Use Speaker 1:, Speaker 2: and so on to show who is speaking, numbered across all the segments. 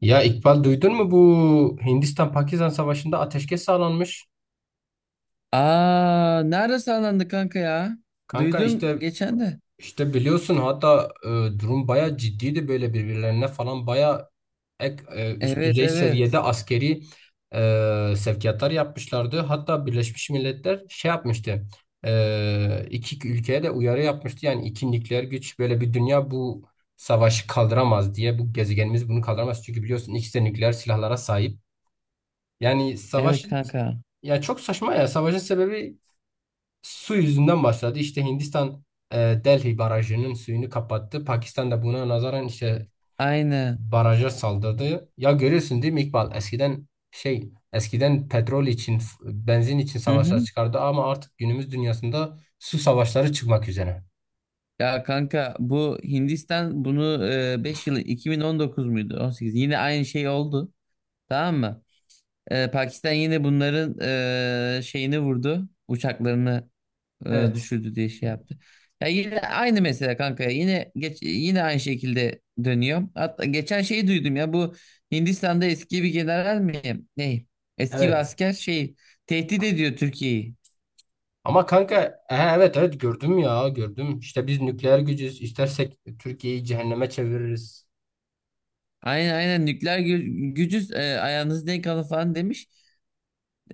Speaker 1: Ya İkbal duydun mu bu Hindistan-Pakistan savaşında ateşkes sağlanmış.
Speaker 2: Aa, nerede sağlandı kanka ya?
Speaker 1: Kanka
Speaker 2: Duydum
Speaker 1: işte
Speaker 2: geçen de.
Speaker 1: biliyorsun hatta durum baya ciddiydi böyle birbirlerine falan baya üst
Speaker 2: Evet,
Speaker 1: düzey seviyede
Speaker 2: evet.
Speaker 1: askeri sevkiyatlar yapmışlardı. Hatta Birleşmiş Milletler şey yapmıştı, iki ülkeye de uyarı yapmıştı. Yani iki nükleer güç, böyle bir dünya bu savaşı kaldıramaz diye, bu gezegenimiz bunu kaldıramaz. Çünkü biliyorsun ikisi de nükleer silahlara sahip. Yani
Speaker 2: Evet
Speaker 1: savaşın
Speaker 2: kanka.
Speaker 1: Ya çok saçma ya. Savaşın sebebi su yüzünden başladı. İşte Hindistan e, Delhi barajının suyunu kapattı. Pakistan da buna nazaran işte
Speaker 2: Aynı.
Speaker 1: baraja saldırdı. Ya görüyorsun değil mi İkbal? Eskiden şey, eskiden petrol için, benzin için
Speaker 2: Hı
Speaker 1: savaşlar
Speaker 2: hı.
Speaker 1: çıkardı, ama artık günümüz dünyasında su savaşları çıkmak üzere.
Speaker 2: Ya kanka, bu Hindistan bunu 5 yıl, 2019 muydu? 18. Yine aynı şey oldu. Tamam mı? Pakistan yine bunların şeyini vurdu. Uçaklarını
Speaker 1: Evet,
Speaker 2: düşürdü diye şey yaptı. Ya yine aynı mesele kanka, ya. Yine yine aynı şekilde dönüyor. Hatta geçen şeyi duydum ya, bu Hindistan'da eski bir general mi? Ne? Eski bir
Speaker 1: evet.
Speaker 2: asker şey, tehdit ediyor Türkiye'yi.
Speaker 1: Ama kanka he, evet, evet, gördüm ya, gördüm. İşte biz nükleer gücüz. İstersek Türkiye'yi cehenneme çeviririz.
Speaker 2: Aynen, aynen nükleer gücüz, ayağınızı denk alın falan demiş.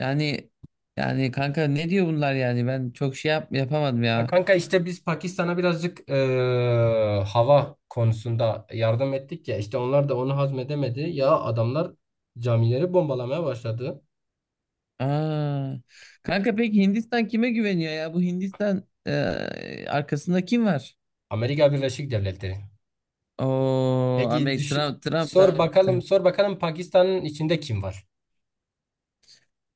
Speaker 2: Yani yani kanka, ne diyor bunlar yani? Ben çok şey yapamadım
Speaker 1: Ya
Speaker 2: ya.
Speaker 1: kanka, işte biz Pakistan'a birazcık hava konusunda yardım ettik ya, işte onlar da onu hazmedemedi. Ya adamlar camileri bombalamaya başladı.
Speaker 2: Aa. Kanka peki Hindistan kime güveniyor ya? Bu Hindistan, arkasında kim var?
Speaker 1: Amerika Birleşik Devletleri.
Speaker 2: O
Speaker 1: Peki
Speaker 2: Amerika,
Speaker 1: düşün,
Speaker 2: Trump, Trump
Speaker 1: sor bakalım,
Speaker 2: zaten.
Speaker 1: sor bakalım, Pakistan'ın içinde kim var?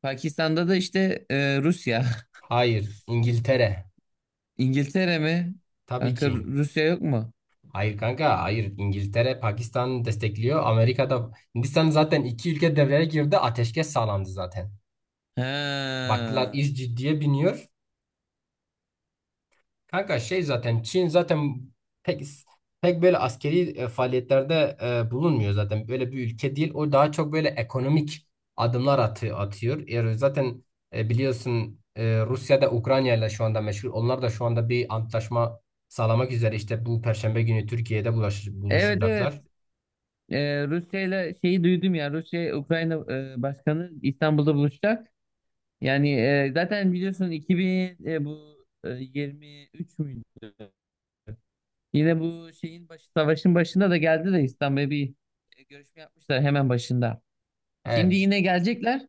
Speaker 2: Pakistan'da da işte Rusya.
Speaker 1: Hayır, İngiltere.
Speaker 2: İngiltere mi?
Speaker 1: Tabii
Speaker 2: Kanka
Speaker 1: ki.
Speaker 2: Rusya yok mu?
Speaker 1: Hayır kanka, hayır, İngiltere Pakistan'ı destekliyor. Amerika'da Hindistan, zaten iki ülke devreye girdi, ateşkes sağlandı zaten.
Speaker 2: Ha.
Speaker 1: Baktılar iş ciddiye biniyor. Kanka şey, zaten Çin zaten pek pek böyle askeri faaliyetlerde bulunmuyor zaten. Böyle bir ülke değil. O daha çok böyle ekonomik adımlar atıyor. Yani zaten biliyorsun, Rusya da Ukrayna ile şu anda meşgul. Onlar da şu anda bir antlaşma sağlamak üzere, işte bu Perşembe günü Türkiye'de
Speaker 2: Evet, evet.
Speaker 1: buluşacaklar.
Speaker 2: Rusya ile şeyi duydum ya. Rusya, Ukrayna Başkanı İstanbul'da buluşacak. Yani zaten biliyorsun, 2000 bu 23 müydü? Yine bu şeyin başı, savaşın başında da geldi de, İstanbul'a bir görüşme yapmışlar hemen başında. Şimdi
Speaker 1: Evet.
Speaker 2: yine gelecekler.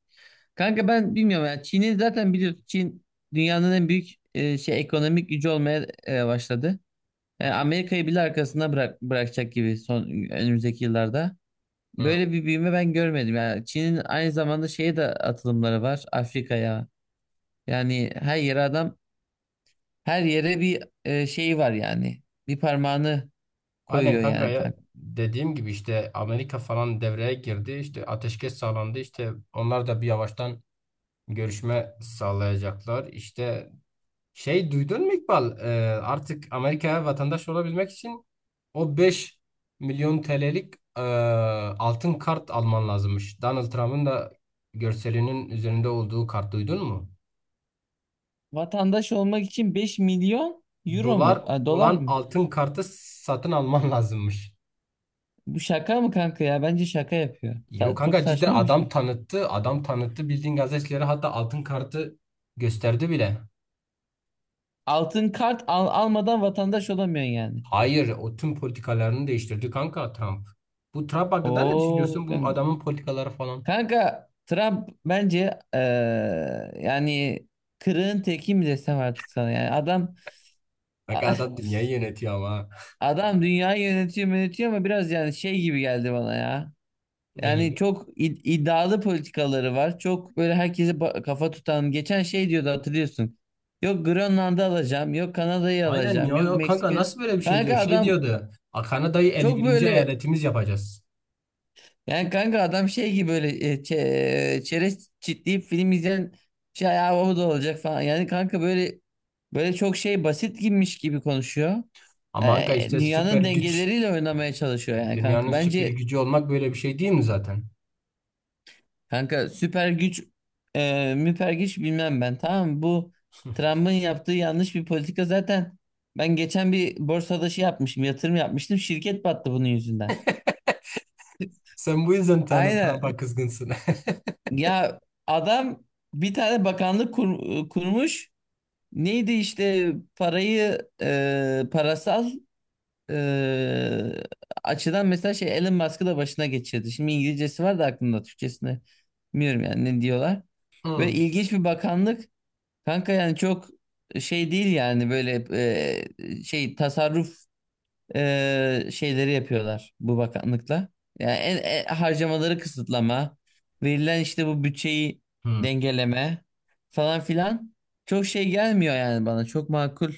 Speaker 2: Kanka ben bilmiyorum ya. Çin'i zaten biliyorsun. Çin dünyanın en büyük şey ekonomik gücü olmaya başladı.
Speaker 1: Hı.
Speaker 2: Yani Amerika'yı bile arkasında bırakacak gibi son önümüzdeki yıllarda.
Speaker 1: Hı.
Speaker 2: Böyle bir büyüme ben görmedim. Yani Çin'in aynı zamanda şeye de atılımları var, Afrika'ya. Yani her yere adam, her yere bir şeyi var yani. Bir parmağını
Speaker 1: Aynen
Speaker 2: koyuyor
Speaker 1: kanka,
Speaker 2: yani
Speaker 1: ya
Speaker 2: kanka.
Speaker 1: dediğim gibi işte Amerika falan devreye girdi, işte ateşkes sağlandı, işte onlar da bir yavaştan görüşme sağlayacaklar. İşte şey, duydun mu İkbal? Artık Amerika'ya vatandaş olabilmek için o 5.000.000 TL'lik altın kart alman lazımmış, Donald Trump'ın da görselinin üzerinde olduğu kart, duydun mu?
Speaker 2: Vatandaş olmak için 5 milyon euro mu?
Speaker 1: Dolar
Speaker 2: A, dolar
Speaker 1: olan
Speaker 2: mı?
Speaker 1: altın kartı satın alman lazımmış.
Speaker 2: Bu şaka mı kanka ya? Bence şaka yapıyor.
Speaker 1: Yok
Speaker 2: Çok
Speaker 1: kanka, cidden
Speaker 2: saçma bir
Speaker 1: adam
Speaker 2: şey.
Speaker 1: tanıttı. Adam tanıttı, bildiğin gazetecilere hatta altın kartı gösterdi bile.
Speaker 2: Altın kart almadan vatandaş olamıyorsun yani.
Speaker 1: Hayır, o tüm politikalarını değiştirdi kanka, Trump. Bu Trump hakkında ne
Speaker 2: Oo
Speaker 1: düşünüyorsun? Bu
Speaker 2: kanka.
Speaker 1: adamın politikaları falan.
Speaker 2: Kanka, Trump bence yani kırığın teki mi desem artık sana? Yani adam...
Speaker 1: Bak adam dünyayı yönetiyor ama.
Speaker 2: Adam dünyayı yönetiyor, yönetiyor ama biraz yani şey gibi geldi bana ya.
Speaker 1: Ne
Speaker 2: Yani
Speaker 1: gibi?
Speaker 2: çok iddialı politikaları var. Çok böyle herkese kafa tutan. Geçen şey diyordu, hatırlıyorsun. Yok Grönland'ı alacağım, yok Kanada'yı
Speaker 1: Aynen
Speaker 2: alacağım,
Speaker 1: ya,
Speaker 2: yok
Speaker 1: ya kanka,
Speaker 2: Meksika.
Speaker 1: nasıl böyle bir şey diyor?
Speaker 2: Kanka
Speaker 1: Şey
Speaker 2: adam
Speaker 1: diyordu, "A, Kanada'yı
Speaker 2: çok
Speaker 1: 51.
Speaker 2: böyle,
Speaker 1: eyaletimiz yapacağız."
Speaker 2: yani kanka adam şey gibi, böyle çerez çitleyip film izleyen şey ya, o da olacak falan. Yani kanka böyle, böyle çok şey basit gibiymiş gibi konuşuyor.
Speaker 1: Ama kanka işte süper
Speaker 2: Dünyanın
Speaker 1: güç.
Speaker 2: dengeleriyle oynamaya çalışıyor yani
Speaker 1: Dünyanın
Speaker 2: kanka.
Speaker 1: süper
Speaker 2: Bence.
Speaker 1: gücü olmak böyle bir şey değil mi zaten?
Speaker 2: Kanka, süper güç, müper güç bilmem ben, tamam mı? Bu Trump'ın yaptığı yanlış bir politika zaten. Ben geçen bir borsada şey yapmışım, yatırım yapmıştım, şirket battı bunun yüzünden.
Speaker 1: Sen bu yüzden Donald Trump'a
Speaker 2: Aynen
Speaker 1: kızgınsın.
Speaker 2: ya, adam bir tane bakanlık kurmuş, neydi işte parayı, parasal e, açıdan mesela şey, Elon Musk'ı da başına geçirdi. Şimdi İngilizcesi var da aklımda, Türkçesini bilmiyorum yani, ne diyorlar. Böyle
Speaker 1: Hı.
Speaker 2: ilginç bir bakanlık. Kanka yani çok şey değil yani, böyle şey tasarruf şeyleri yapıyorlar bu bakanlıkla. Yani harcamaları kısıtlama, verilen işte bu bütçeyi
Speaker 1: Hı.
Speaker 2: dengeleme falan filan, çok şey gelmiyor yani bana. Çok makul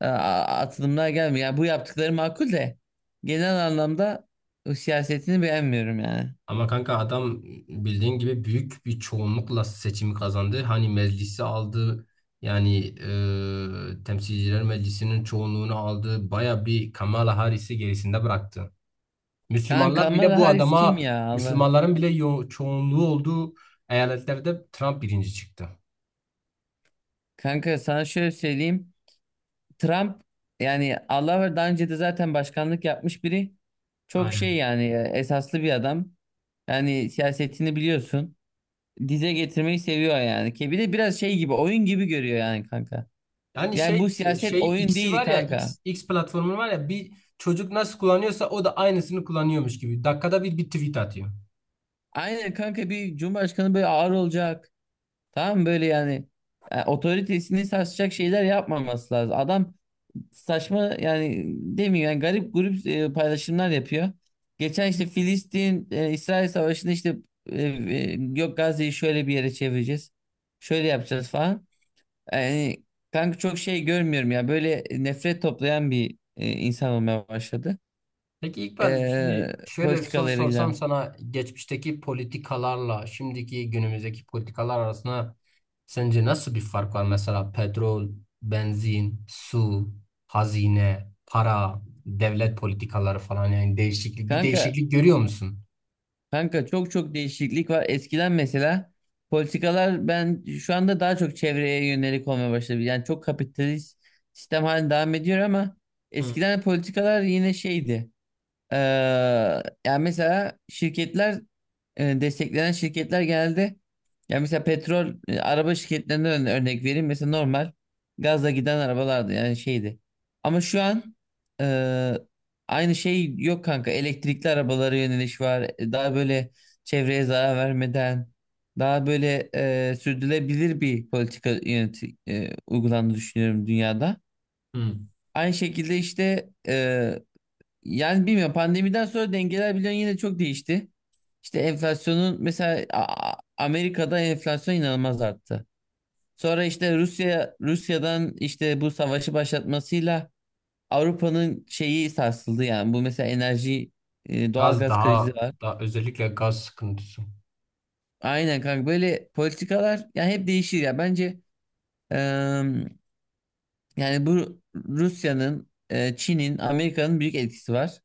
Speaker 2: atılımlar gelmiyor. Yani bu yaptıkları makul de, genel anlamda o siyasetini beğenmiyorum yani.
Speaker 1: Ama kanka, adam bildiğin gibi büyük bir çoğunlukla seçimi kazandı. Hani meclisi aldı. Yani Temsilciler Meclisi'nin çoğunluğunu aldı. Baya bir Kamala Harris'i gerisinde bıraktı.
Speaker 2: Kanka
Speaker 1: Müslümanlar
Speaker 2: ama
Speaker 1: bile bu
Speaker 2: daha kim
Speaker 1: adama,
Speaker 2: ya, Allah.
Speaker 1: Müslümanların bile çoğunluğu olduğu eyaletlerde Trump birinci çıktı.
Speaker 2: Kanka sana şöyle söyleyeyim. Trump yani, Allah var, daha önce de zaten başkanlık yapmış biri. Çok
Speaker 1: Aynen.
Speaker 2: şey yani, esaslı bir adam. Yani siyasetini biliyorsun. Dize getirmeyi seviyor yani. Ki bir de biraz şey gibi, oyun gibi görüyor yani kanka.
Speaker 1: Yani
Speaker 2: Yani
Speaker 1: şey
Speaker 2: bu siyaset
Speaker 1: Şey,
Speaker 2: oyun
Speaker 1: X'i
Speaker 2: değil
Speaker 1: var ya,
Speaker 2: kanka.
Speaker 1: X platformu var ya, bir çocuk nasıl kullanıyorsa o da aynısını kullanıyormuş gibi. Dakikada bir tweet atıyor.
Speaker 2: Aynen kanka, bir cumhurbaşkanı böyle ağır olacak. Tamam mı? Böyle yani, otoritesini sarsacak şeyler yapmaması lazım. Adam saçma yani, demiyor yani, garip grup paylaşımlar yapıyor. Geçen işte Filistin, İsrail Savaşı'nda işte, yok Gazze'yi şöyle bir yere çevireceğiz, şöyle yapacağız falan. Yani kanka çok şey görmüyorum ya, böyle nefret toplayan bir insan olmaya başladı.
Speaker 1: Peki İkbal, şimdi
Speaker 2: E,
Speaker 1: şöyle bir soru sorsam
Speaker 2: Politikalarıyla.
Speaker 1: sana, geçmişteki politikalarla şimdiki günümüzdeki politikalar arasında sence nasıl bir fark var? Mesela petrol, benzin, su, hazine, para, devlet politikaları falan, yani bir
Speaker 2: Kanka
Speaker 1: değişiklik görüyor musun?
Speaker 2: Kanka çok çok değişiklik var. Eskiden mesela politikalar, ben şu anda daha çok çevreye yönelik olmaya başladı. Yani çok kapitalist sistem halinde devam ediyor ama
Speaker 1: Hı.
Speaker 2: eskiden politikalar yine şeydi. Ee, Yani mesela şirketler, destekleyen şirketler genelde, ya mesela petrol, araba şirketlerinden örnek vereyim, mesela normal gazla giden arabalardı yani, şeydi. Ama şu an e, aynı şey yok kanka. Elektrikli arabalara yöneliş var. Daha böyle çevreye zarar vermeden, daha böyle sürdürülebilir bir politika uygulandığını düşünüyorum dünyada.
Speaker 1: Hı.
Speaker 2: Aynı şekilde işte, yani bilmiyorum, pandemiden sonra dengeler biliyorsun yine çok değişti. İşte enflasyonun mesela, Amerika'da enflasyon inanılmaz arttı. Sonra işte Rusya'dan işte bu savaşı başlatmasıyla Avrupa'nın şeyi sarsıldı yani. Bu mesela enerji,
Speaker 1: Gaz
Speaker 2: doğalgaz
Speaker 1: daha
Speaker 2: krizi var.
Speaker 1: daha özellikle gaz sıkıntısı.
Speaker 2: Aynen kanka, böyle politikalar yani hep değişir ya. Bence e, yani bu Rusya'nın, Çin'in, Amerika'nın büyük etkisi var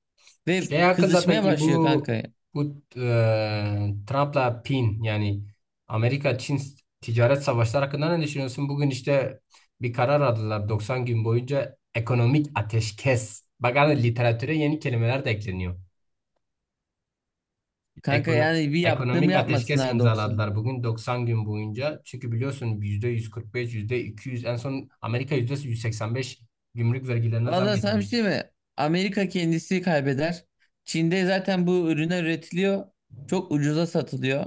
Speaker 2: ve
Speaker 1: Şey hakkında
Speaker 2: kızışmaya
Speaker 1: peki,
Speaker 2: başlıyor kanka.
Speaker 1: bu Trump'la Pin, yani Amerika-Çin ticaret savaşları hakkında ne düşünüyorsun? Bugün işte bir karar aldılar, 90 gün boyunca ekonomik ateşkes. Bak, hani literatüre yeni kelimeler de ekleniyor.
Speaker 2: Kanka
Speaker 1: Ekono
Speaker 2: yani bir yaptığımı
Speaker 1: Ekonomik
Speaker 2: yapmasın,
Speaker 1: ateşkes
Speaker 2: ha, 90.
Speaker 1: imzaladılar bugün, 90 gün boyunca. Çünkü biliyorsun %145, %200, en son Amerika %185 gümrük vergilerine zam
Speaker 2: Valla sana bir
Speaker 1: getirmişti.
Speaker 2: şey mi? Amerika kendisi kaybeder. Çin'de zaten bu ürünler üretiliyor. Çok ucuza satılıyor.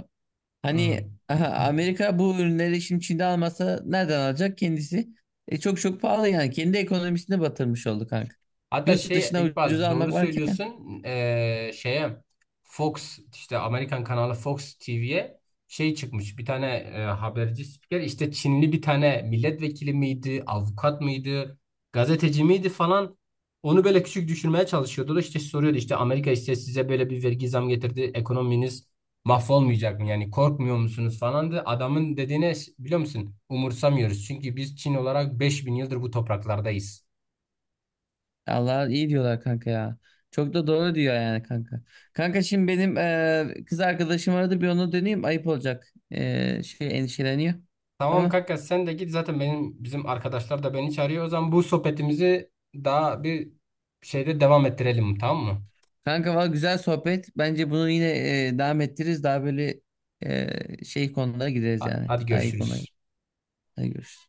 Speaker 2: Hani
Speaker 1: Hmm.
Speaker 2: aha, Amerika bu ürünleri şimdi Çin'de almasa nereden alacak kendisi? Çok çok pahalı yani. Kendi ekonomisine batırmış oldu kanka.
Speaker 1: Hatta
Speaker 2: Yurt
Speaker 1: şey
Speaker 2: dışına ucuza
Speaker 1: İkbal,
Speaker 2: almak
Speaker 1: doğru
Speaker 2: varken.
Speaker 1: söylüyorsun. Şeye, Fox, işte Amerikan kanalı Fox TV'ye şey çıkmış, bir tane haberci spiker, işte Çinli bir tane milletvekili miydi, avukat mıydı, gazeteci miydi falan, onu böyle küçük düşürmeye çalışıyordu da, işte soruyordu, işte Amerika işte size böyle bir vergi zam getirdi, ekonominiz mahvolmayacak mı, yani korkmuyor musunuz falandı. Adamın dediğine biliyor musun, umursamıyoruz çünkü biz Çin olarak 5.000 yıldır bu topraklardayız.
Speaker 2: Allah iyi diyorlar kanka ya. Çok da doğru diyor yani kanka. Kanka şimdi benim kız arkadaşım aradı, bir onu deneyeyim, ayıp olacak. Şey, endişeleniyor.
Speaker 1: Tamam
Speaker 2: Tamam.
Speaker 1: kanka, sen de git, zaten benim, bizim arkadaşlar da beni çağırıyor. O zaman bu sohbetimizi daha bir şeyde devam ettirelim, tamam mı?
Speaker 2: Kanka valla güzel sohbet. Bence bunu yine devam ettiririz. Daha böyle şey konulara gideriz yani.
Speaker 1: Hadi
Speaker 2: Daha iyi konulara.
Speaker 1: görüşürüz.
Speaker 2: Hadi görüşürüz.